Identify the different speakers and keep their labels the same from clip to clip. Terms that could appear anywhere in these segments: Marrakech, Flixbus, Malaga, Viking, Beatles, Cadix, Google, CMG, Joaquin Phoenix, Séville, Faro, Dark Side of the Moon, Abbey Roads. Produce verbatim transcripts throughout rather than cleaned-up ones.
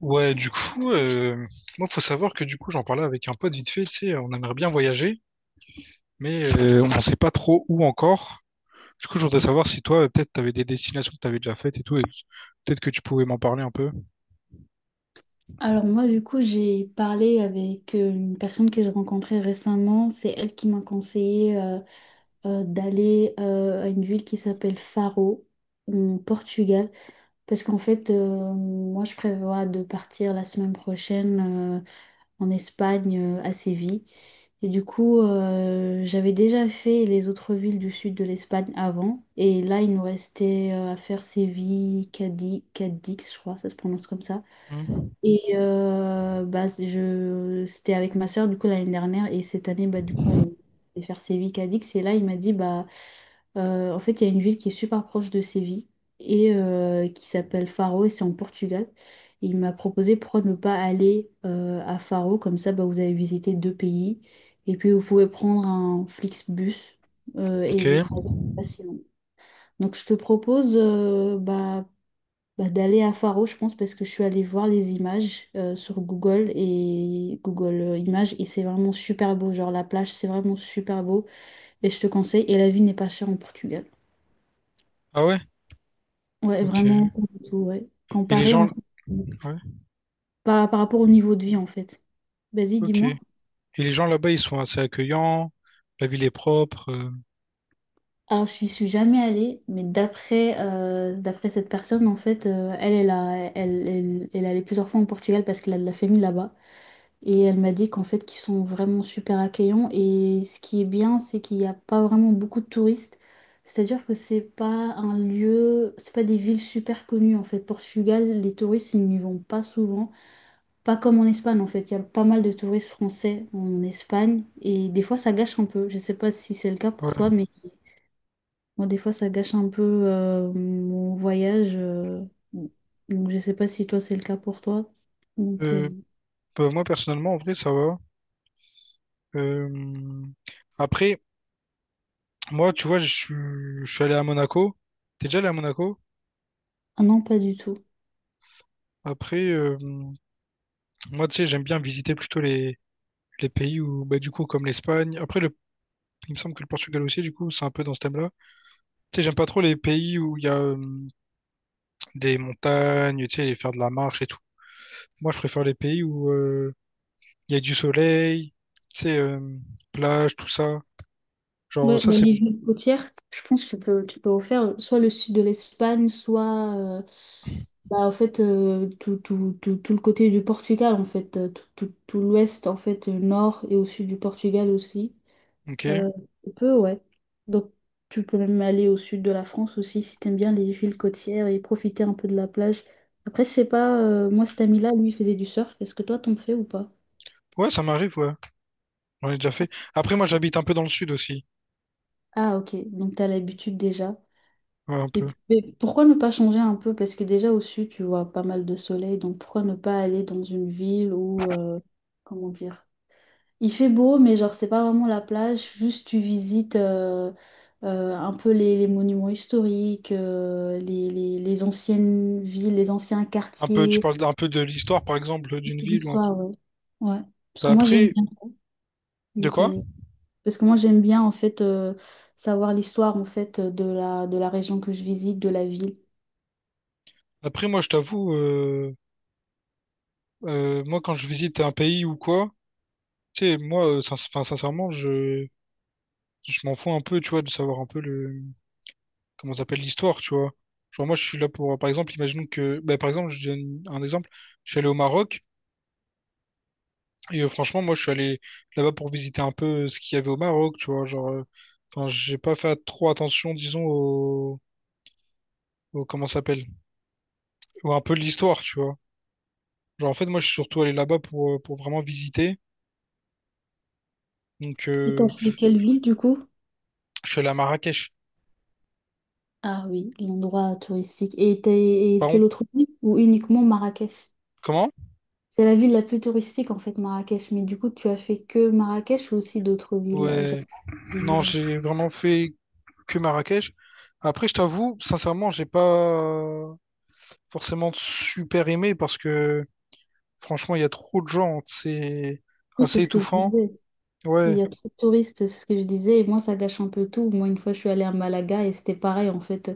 Speaker 1: Ouais, du coup, euh, Moi, faut savoir que du coup, j'en parlais avec un pote vite fait, tu sais, on aimerait bien voyager, mais euh, on ne sait pas trop où encore. Du coup, je voudrais savoir si toi, euh, peut-être, tu avais des destinations que tu avais déjà faites et tout, et peut-être que tu pouvais m'en parler un peu.
Speaker 2: Alors moi, du coup, j'ai parlé avec euh, une personne que j'ai rencontrée récemment. C'est elle qui m'a conseillé euh, euh, d'aller euh, à une ville qui s'appelle Faro, en Portugal. Parce qu'en fait, euh, moi, je prévois de partir la semaine prochaine euh, en Espagne, euh, à Séville. Et du coup, euh, j'avais déjà fait les autres villes du sud de l'Espagne avant. Et là, il nous restait euh, à faire Séville, Cadix. Cadix, je crois, ça se prononce comme ça.
Speaker 1: Hmm.
Speaker 2: Et euh, bah, c'est- je, c'était avec ma soeur, du coup, l'année dernière. Et cette année, bah, du coup, on allait faire Séville, Cadix, et là il m'a dit bah, euh, en fait il y a une ville qui est super proche de Séville et euh, qui s'appelle Faro, et c'est en Portugal. Et il m'a proposé pourquoi ne pas aller euh, à Faro, comme ça bah, vous avez visité deux pays et puis vous pouvez prendre un Flixbus, euh, et le
Speaker 1: Ok.
Speaker 2: trajet n'est pas si long. Donc je te propose, euh, bah, bah, d'aller à Faro, je pense, parce que je suis allée voir les images euh, sur Google, et Google euh, Images, et c'est vraiment super beau. Genre, la plage, c'est vraiment super beau et je te conseille. Et la vie n'est pas chère en Portugal.
Speaker 1: Ah ouais?
Speaker 2: Ouais,
Speaker 1: Ok. Et
Speaker 2: vraiment, pas du tout, ouais.
Speaker 1: les
Speaker 2: Comparé en
Speaker 1: gens,
Speaker 2: fait, donc,
Speaker 1: ouais,
Speaker 2: par, par rapport au niveau de vie en fait. Vas-y,
Speaker 1: ok. Et
Speaker 2: dis-moi.
Speaker 1: les gens là-bas, ils sont assez accueillants, la ville est propre. euh,
Speaker 2: Alors, je n'y suis jamais allée, mais d'après euh, d'après cette personne, en fait, euh, elle, elle, a- elle, elle, elle est allée plusieurs fois en Portugal parce qu'elle a de la famille là-bas. Et elle m'a dit qu'en fait, qu'ils sont vraiment super accueillants. Et ce qui est bien, c'est qu'il n'y a pas vraiment beaucoup de touristes. C'est-à-dire que c'est pas un lieu, c'est pas des villes super connues en fait. Portugal, les touristes, ils n'y vont pas souvent. Pas comme en Espagne en fait. Il y a pas mal de touristes français en Espagne. Et des fois, ça gâche un peu. Je sais pas si c'est le cas pour toi,
Speaker 1: Ouais.
Speaker 2: mais moi, des fois, ça gâche un peu euh, mon voyage. euh. Donc, je sais pas si toi, c'est le cas pour toi. Donc, euh,
Speaker 1: Euh, Bah, moi, personnellement, en vrai, ça va. Euh, Après, moi, tu vois, je suis je suis allé à Monaco. T'es déjà allé à Monaco?
Speaker 2: ah non, pas du tout.
Speaker 1: Après, euh, moi, tu sais, j'aime bien visiter plutôt les, les pays où, bah, du coup, comme l'Espagne. Après, le, il me semble que le Portugal aussi, du coup, c'est un peu dans ce thème-là. Tu sais, j'aime pas trop les pays où il y a euh, des montagnes, tu sais, les faire de la marche et tout. Moi, je préfère les pays où euh, il y a du soleil, tu sais, euh, plage, tout ça. Genre,
Speaker 2: Ouais,
Speaker 1: ça,
Speaker 2: bah,
Speaker 1: c'est...
Speaker 2: les villes côtières, je pense que tu peux, tu peux refaire soit le sud de l'Espagne, soit euh, bah, en fait, euh, tout, tout, tout, tout le côté du Portugal, en fait, euh, tout, tout, tout l'ouest, en fait, euh, nord et au sud du Portugal aussi.
Speaker 1: Ok.
Speaker 2: Euh, Tu peux, ouais. Donc, tu peux même aller au sud de la France aussi si t'aimes bien les villes côtières et profiter un peu de la plage. Après, je sais pas, euh, moi, cet ami-là, lui, il faisait du surf. Est-ce que toi, t'en fais ou pas?
Speaker 1: Ouais, ça m'arrive, ouais. J'en ai déjà fait. Après, moi, j'habite un peu dans le sud aussi.
Speaker 2: Ah, ok, donc t'as l'habitude déjà.
Speaker 1: Ouais, un
Speaker 2: Et
Speaker 1: peu.
Speaker 2: puis, mais pourquoi ne pas changer un peu? Parce que déjà au sud, tu vois pas mal de soleil, donc pourquoi ne pas aller dans une ville où, euh, comment dire, il fait beau, mais genre c'est pas vraiment la plage, juste tu visites euh, euh, un peu les, les monuments historiques, euh, les, les- les anciennes villes, les anciens
Speaker 1: Un peu, tu
Speaker 2: quartiers,
Speaker 1: parles d'un peu de l'histoire, par exemple, d'une ville ou un truc.
Speaker 2: l'histoire, ouais. Ouais. Parce
Speaker 1: Bah,
Speaker 2: que moi j'aime
Speaker 1: après,
Speaker 2: bien.
Speaker 1: de
Speaker 2: Donc,
Speaker 1: quoi?
Speaker 2: euh, parce que moi j'aime bien en fait euh, savoir l'histoire en fait de la, de la région que je visite, de la ville.
Speaker 1: Après, moi, je t'avoue... Euh, moi, quand je visite un pays ou quoi, tu sais, moi, euh, sin- 'fin, sincèrement, je, je m'en fous un peu, tu vois, de savoir un peu le, comment ça s'appelle l'histoire, tu vois. Genre, moi, je suis là pour, par exemple, imaginons que, bah, par exemple, je donne un exemple, je suis allé au Maroc, et euh, franchement, moi, je suis allé là-bas pour visiter un peu ce qu'il y avait au Maroc, tu vois, genre, euh, enfin, j'ai pas fait trop attention, disons, au, au- comment ça s'appelle, ou un peu de l'histoire, tu vois. Genre, en fait, moi, je suis surtout allé là-bas pour, euh, pour vraiment visiter, donc,
Speaker 2: Et t'as
Speaker 1: euh,
Speaker 2: fait quelle ville du coup?
Speaker 1: je suis allé à Marrakech.
Speaker 2: Ah oui, l'endroit touristique. Et, t'as- et
Speaker 1: Par contre,
Speaker 2: quelle autre ville? Ou uniquement Marrakech?
Speaker 1: comment?
Speaker 2: C'est la ville la plus touristique en fait, Marrakech. Mais du coup, tu as fait que Marrakech ou aussi d'autres villes? Euh, j'ai
Speaker 1: Ouais.
Speaker 2: pas dit,
Speaker 1: Non,
Speaker 2: euh.
Speaker 1: j'ai vraiment fait que Marrakech. Après, je t'avoue, sincèrement, j'ai pas forcément super aimé parce que franchement, il y a trop de gens. C'est
Speaker 2: Oui, c'est
Speaker 1: assez
Speaker 2: ce que je
Speaker 1: étouffant.
Speaker 2: disais. S'il
Speaker 1: Ouais,
Speaker 2: y a trop de touristes, c'est ce que je disais, et moi ça gâche un peu tout. Moi, une fois, je suis allée à Malaga et c'était pareil en fait.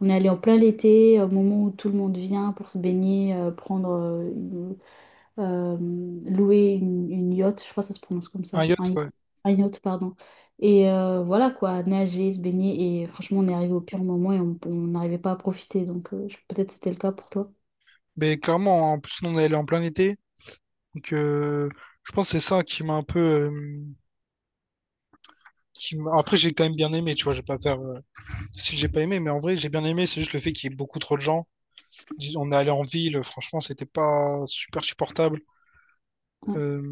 Speaker 2: On est allé en plein l'été, au moment où tout le monde vient pour se baigner, euh, prendre, euh, une- euh, louer une, une yacht, je crois que ça se prononce comme
Speaker 1: un
Speaker 2: ça, un,
Speaker 1: yacht,
Speaker 2: yacht,
Speaker 1: ouais.
Speaker 2: un yacht, pardon. Et euh, voilà quoi, nager, se baigner, et franchement, on est arrivé au pire moment et on on n'arrivait pas à profiter, donc euh, je- peut-être c'était le cas pour toi.
Speaker 1: Mais clairement, en plus, nous, on est allé en plein été. Donc, euh, je pense que c'est ça qui m'a un peu. euh, qui m'a- Après, j'ai quand même bien aimé, tu vois. Je vais pas faire. euh, Si j'ai pas aimé, mais en vrai, j'ai bien aimé. C'est juste le fait qu'il y ait beaucoup trop de gens. Dis- On est allé en ville. Franchement, c'était pas super supportable.
Speaker 2: Ouais.
Speaker 1: Euh,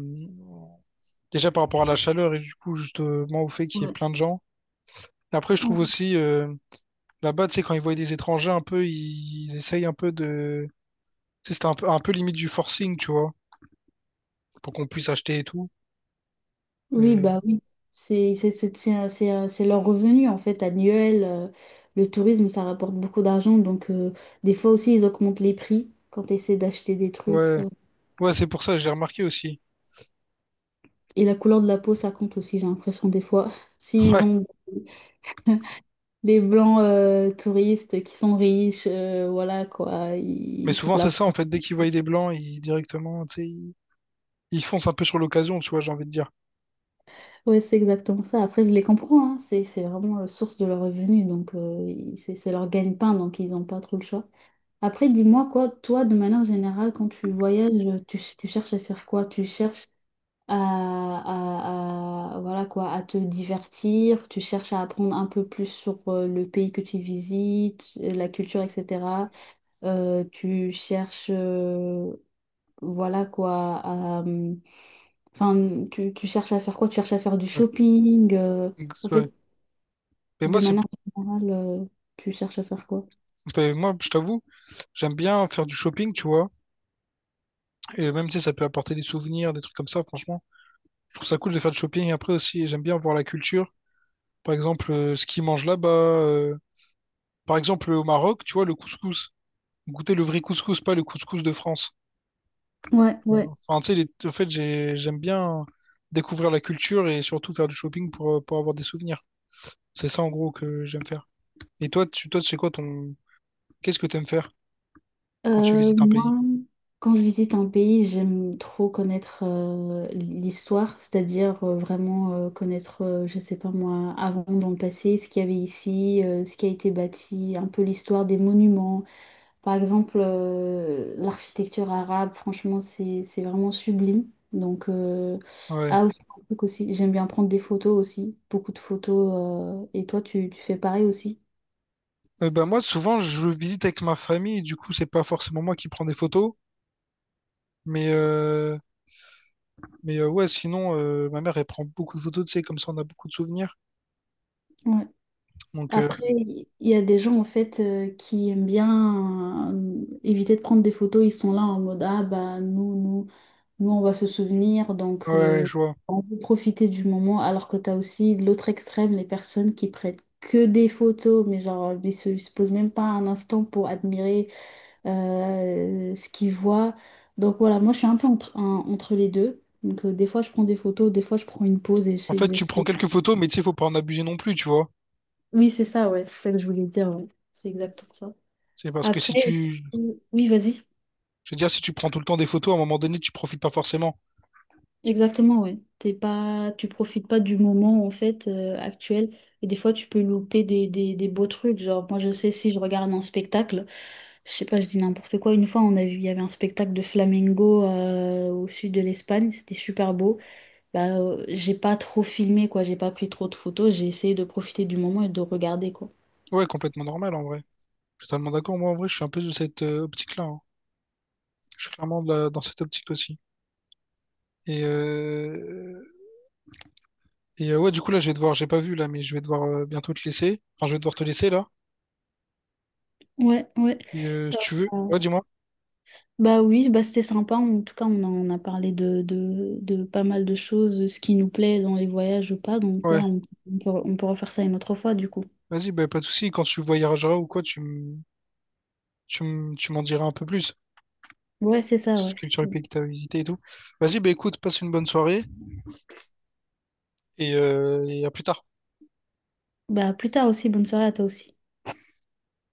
Speaker 1: Déjà par rapport à la chaleur et du coup, justement, au fait qu'il y ait
Speaker 2: Ouais.
Speaker 1: plein de gens. Après, je trouve aussi, euh, là-bas, tu sais, quand ils voient des étrangers, un peu, ils, ils essayent un peu de. Tu sais, c'était un peu, un peu limite du forcing, tu vois, pour qu'on puisse acheter et tout.
Speaker 2: Oui,
Speaker 1: Euh,
Speaker 2: bah oui. C'est c'est- c'est- c'est un- c'est un- c'est leur revenu en fait annuel. Euh, le tourisme, ça rapporte beaucoup d'argent. Donc euh, des fois aussi, ils augmentent les prix quand tu essaies d'acheter des trucs.
Speaker 1: ouais,
Speaker 2: euh.
Speaker 1: ouais, c'est pour ça, j'ai remarqué aussi.
Speaker 2: Et la couleur de la peau, ça compte aussi, j'ai l'impression des fois. S'ils
Speaker 1: Ouais,
Speaker 2: vendent des blancs euh, touristes qui sont riches, euh, voilà quoi, ils,
Speaker 1: mais
Speaker 2: ils
Speaker 1: souvent,
Speaker 2: sont là.
Speaker 1: c'est ça,
Speaker 2: pour-
Speaker 1: en fait, dès qu'ils voient des blancs, ils directement, tu sais, ils, ils foncent un peu sur l'occasion, tu vois, j'ai envie de dire.
Speaker 2: Ouais, c'est exactement ça. Après, je les comprends, hein. C'est c'est vraiment la source de leur revenu. Donc euh, ils- c'est c'est leur gagne-pain, donc ils n'ont pas trop le choix. Après, dis-moi quoi, toi, de manière générale, quand tu voyages, tu, tu cherches à faire quoi? Tu cherches à, à- à- voilà quoi, à te divertir, tu cherches à apprendre un peu plus sur euh, le pays que tu visites, euh, la culture, et cetera. Euh, tu cherches, euh, voilà quoi, à, euh, enfin, tu, tu cherches à faire quoi? Tu cherches à faire du
Speaker 1: Ouais.
Speaker 2: shopping. euh,
Speaker 1: Ex-
Speaker 2: En
Speaker 1: ouais.
Speaker 2: fait,
Speaker 1: Mais
Speaker 2: de
Speaker 1: moi, c'est,
Speaker 2: manière générale, euh, tu cherches à faire quoi?
Speaker 1: mais moi, je t'avoue, j'aime bien faire du shopping, tu vois, et même, tu sais, ça peut apporter des souvenirs, des trucs comme ça, franchement. Je trouve ça cool de faire du shopping après aussi. J'aime bien voir la culture. Par exemple, euh, ce qu'ils mangent là-bas. euh, Par exemple, au Maroc, tu vois, le couscous. Goûter le vrai couscous, pas le couscous de France.
Speaker 2: Ouais, ouais.
Speaker 1: Enfin, tu sais, les- en fait, j'ai- j'aime bien découvrir la culture et surtout faire du shopping pour, euh, pour avoir des souvenirs. C'est ça, en gros, que j'aime faire. Et toi, tu, toi, c'est quoi ton... Qu'est-ce que t'aimes faire quand tu
Speaker 2: Euh,
Speaker 1: visites un
Speaker 2: moi,
Speaker 1: pays?
Speaker 2: quand je visite un pays, j'aime trop connaître euh, l'histoire, c'est-à-dire euh, vraiment euh, connaître, euh, je sais pas moi, avant dans le passé, ce qu'il y avait ici, euh, ce qui a été bâti, un peu l'histoire des monuments. Par exemple, euh, l'architecture arabe, franchement, c'est c'est vraiment sublime. Donc, euh,
Speaker 1: Ouais.
Speaker 2: ah aussi, un truc aussi, j'aime bien prendre des photos aussi, beaucoup de photos. Euh, et toi, tu, tu fais pareil aussi?
Speaker 1: Euh, bah, moi, souvent, je visite avec ma famille, du coup, c'est pas forcément moi qui prends des photos. Mais, euh, mais euh, ouais, sinon, euh, ma mère, elle prend beaucoup de photos, tu sais, comme ça, on a beaucoup de souvenirs. Donc, euh,
Speaker 2: Après, il y a des gens en fait euh, qui aiment bien euh, éviter de prendre des photos. Ils sont là en mode ah bah, nous nous nous on va se souvenir, donc
Speaker 1: ouais,
Speaker 2: euh,
Speaker 1: je vois.
Speaker 2: on veut profiter du moment. Alors que t'as aussi de l'autre extrême les personnes qui prennent que des photos, mais genre ils se, ils se posent même pas un instant pour admirer euh, ce qu'ils voient. Donc voilà, moi je suis un peu entre, un- entre les deux. Donc euh, des fois je prends des photos, des fois je prends une pause et
Speaker 1: En
Speaker 2: j'essaie.
Speaker 1: fait, tu prends
Speaker 2: j'essaie-
Speaker 1: quelques photos, mais tu sais, faut pas en abuser non plus, tu vois.
Speaker 2: Oui, c'est ça, ouais, c'est ça que je voulais dire. Ouais. C'est exactement ça.
Speaker 1: C'est parce que
Speaker 2: Après,
Speaker 1: si
Speaker 2: aussi-
Speaker 1: tu,
Speaker 2: oui, vas-y.
Speaker 1: Je veux dire, si tu prends tout le temps des photos, à un moment donné, tu profites pas forcément.
Speaker 2: Exactement, ouais. T'es pas, Tu profites pas du moment en fait euh, actuel, et des fois tu peux louper des, des, des beaux trucs. Genre moi je sais si je regarde un spectacle, je sais pas, je dis n'importe quoi. Une fois on a vu, il y avait un spectacle de flamenco euh, au sud de l'Espagne, c'était super beau. Bah euh, j'ai pas trop filmé quoi, j'ai pas pris trop de photos, j'ai essayé de profiter du moment et de regarder quoi.
Speaker 1: Ouais, complètement normal en vrai. Je suis totalement d'accord. Moi, en vrai, je suis un peu de cette euh, optique-là, hein. Je suis clairement de la- dans cette optique aussi. Et, euh, et euh, ouais, du coup, là, je vais devoir, j'ai pas vu là, mais je vais devoir euh, bientôt te laisser. Enfin, je vais devoir te laisser là.
Speaker 2: Ouais, ouais.
Speaker 1: Et, euh, si tu veux. Ouais, dis-moi.
Speaker 2: Bah oui, bah c'était sympa. En tout cas, on a, on a parlé de, de, de pas mal de choses, ce qui nous plaît dans les voyages ou pas. Donc ouais,
Speaker 1: Ouais.
Speaker 2: on, on peut, on peut refaire ça une autre fois du coup.
Speaker 1: Vas-y, bah, pas de souci. Quand tu voyageras ou quoi, tu me Tu, m- tu m'en diras un peu plus
Speaker 2: Ouais, c'est ça,
Speaker 1: sur ce
Speaker 2: ouais.
Speaker 1: que- sur les pays que tu as visités et tout. Vas-y, bah écoute, passe une bonne soirée et, euh, et à plus tard.
Speaker 2: Bah à plus tard aussi, bonne soirée à toi aussi.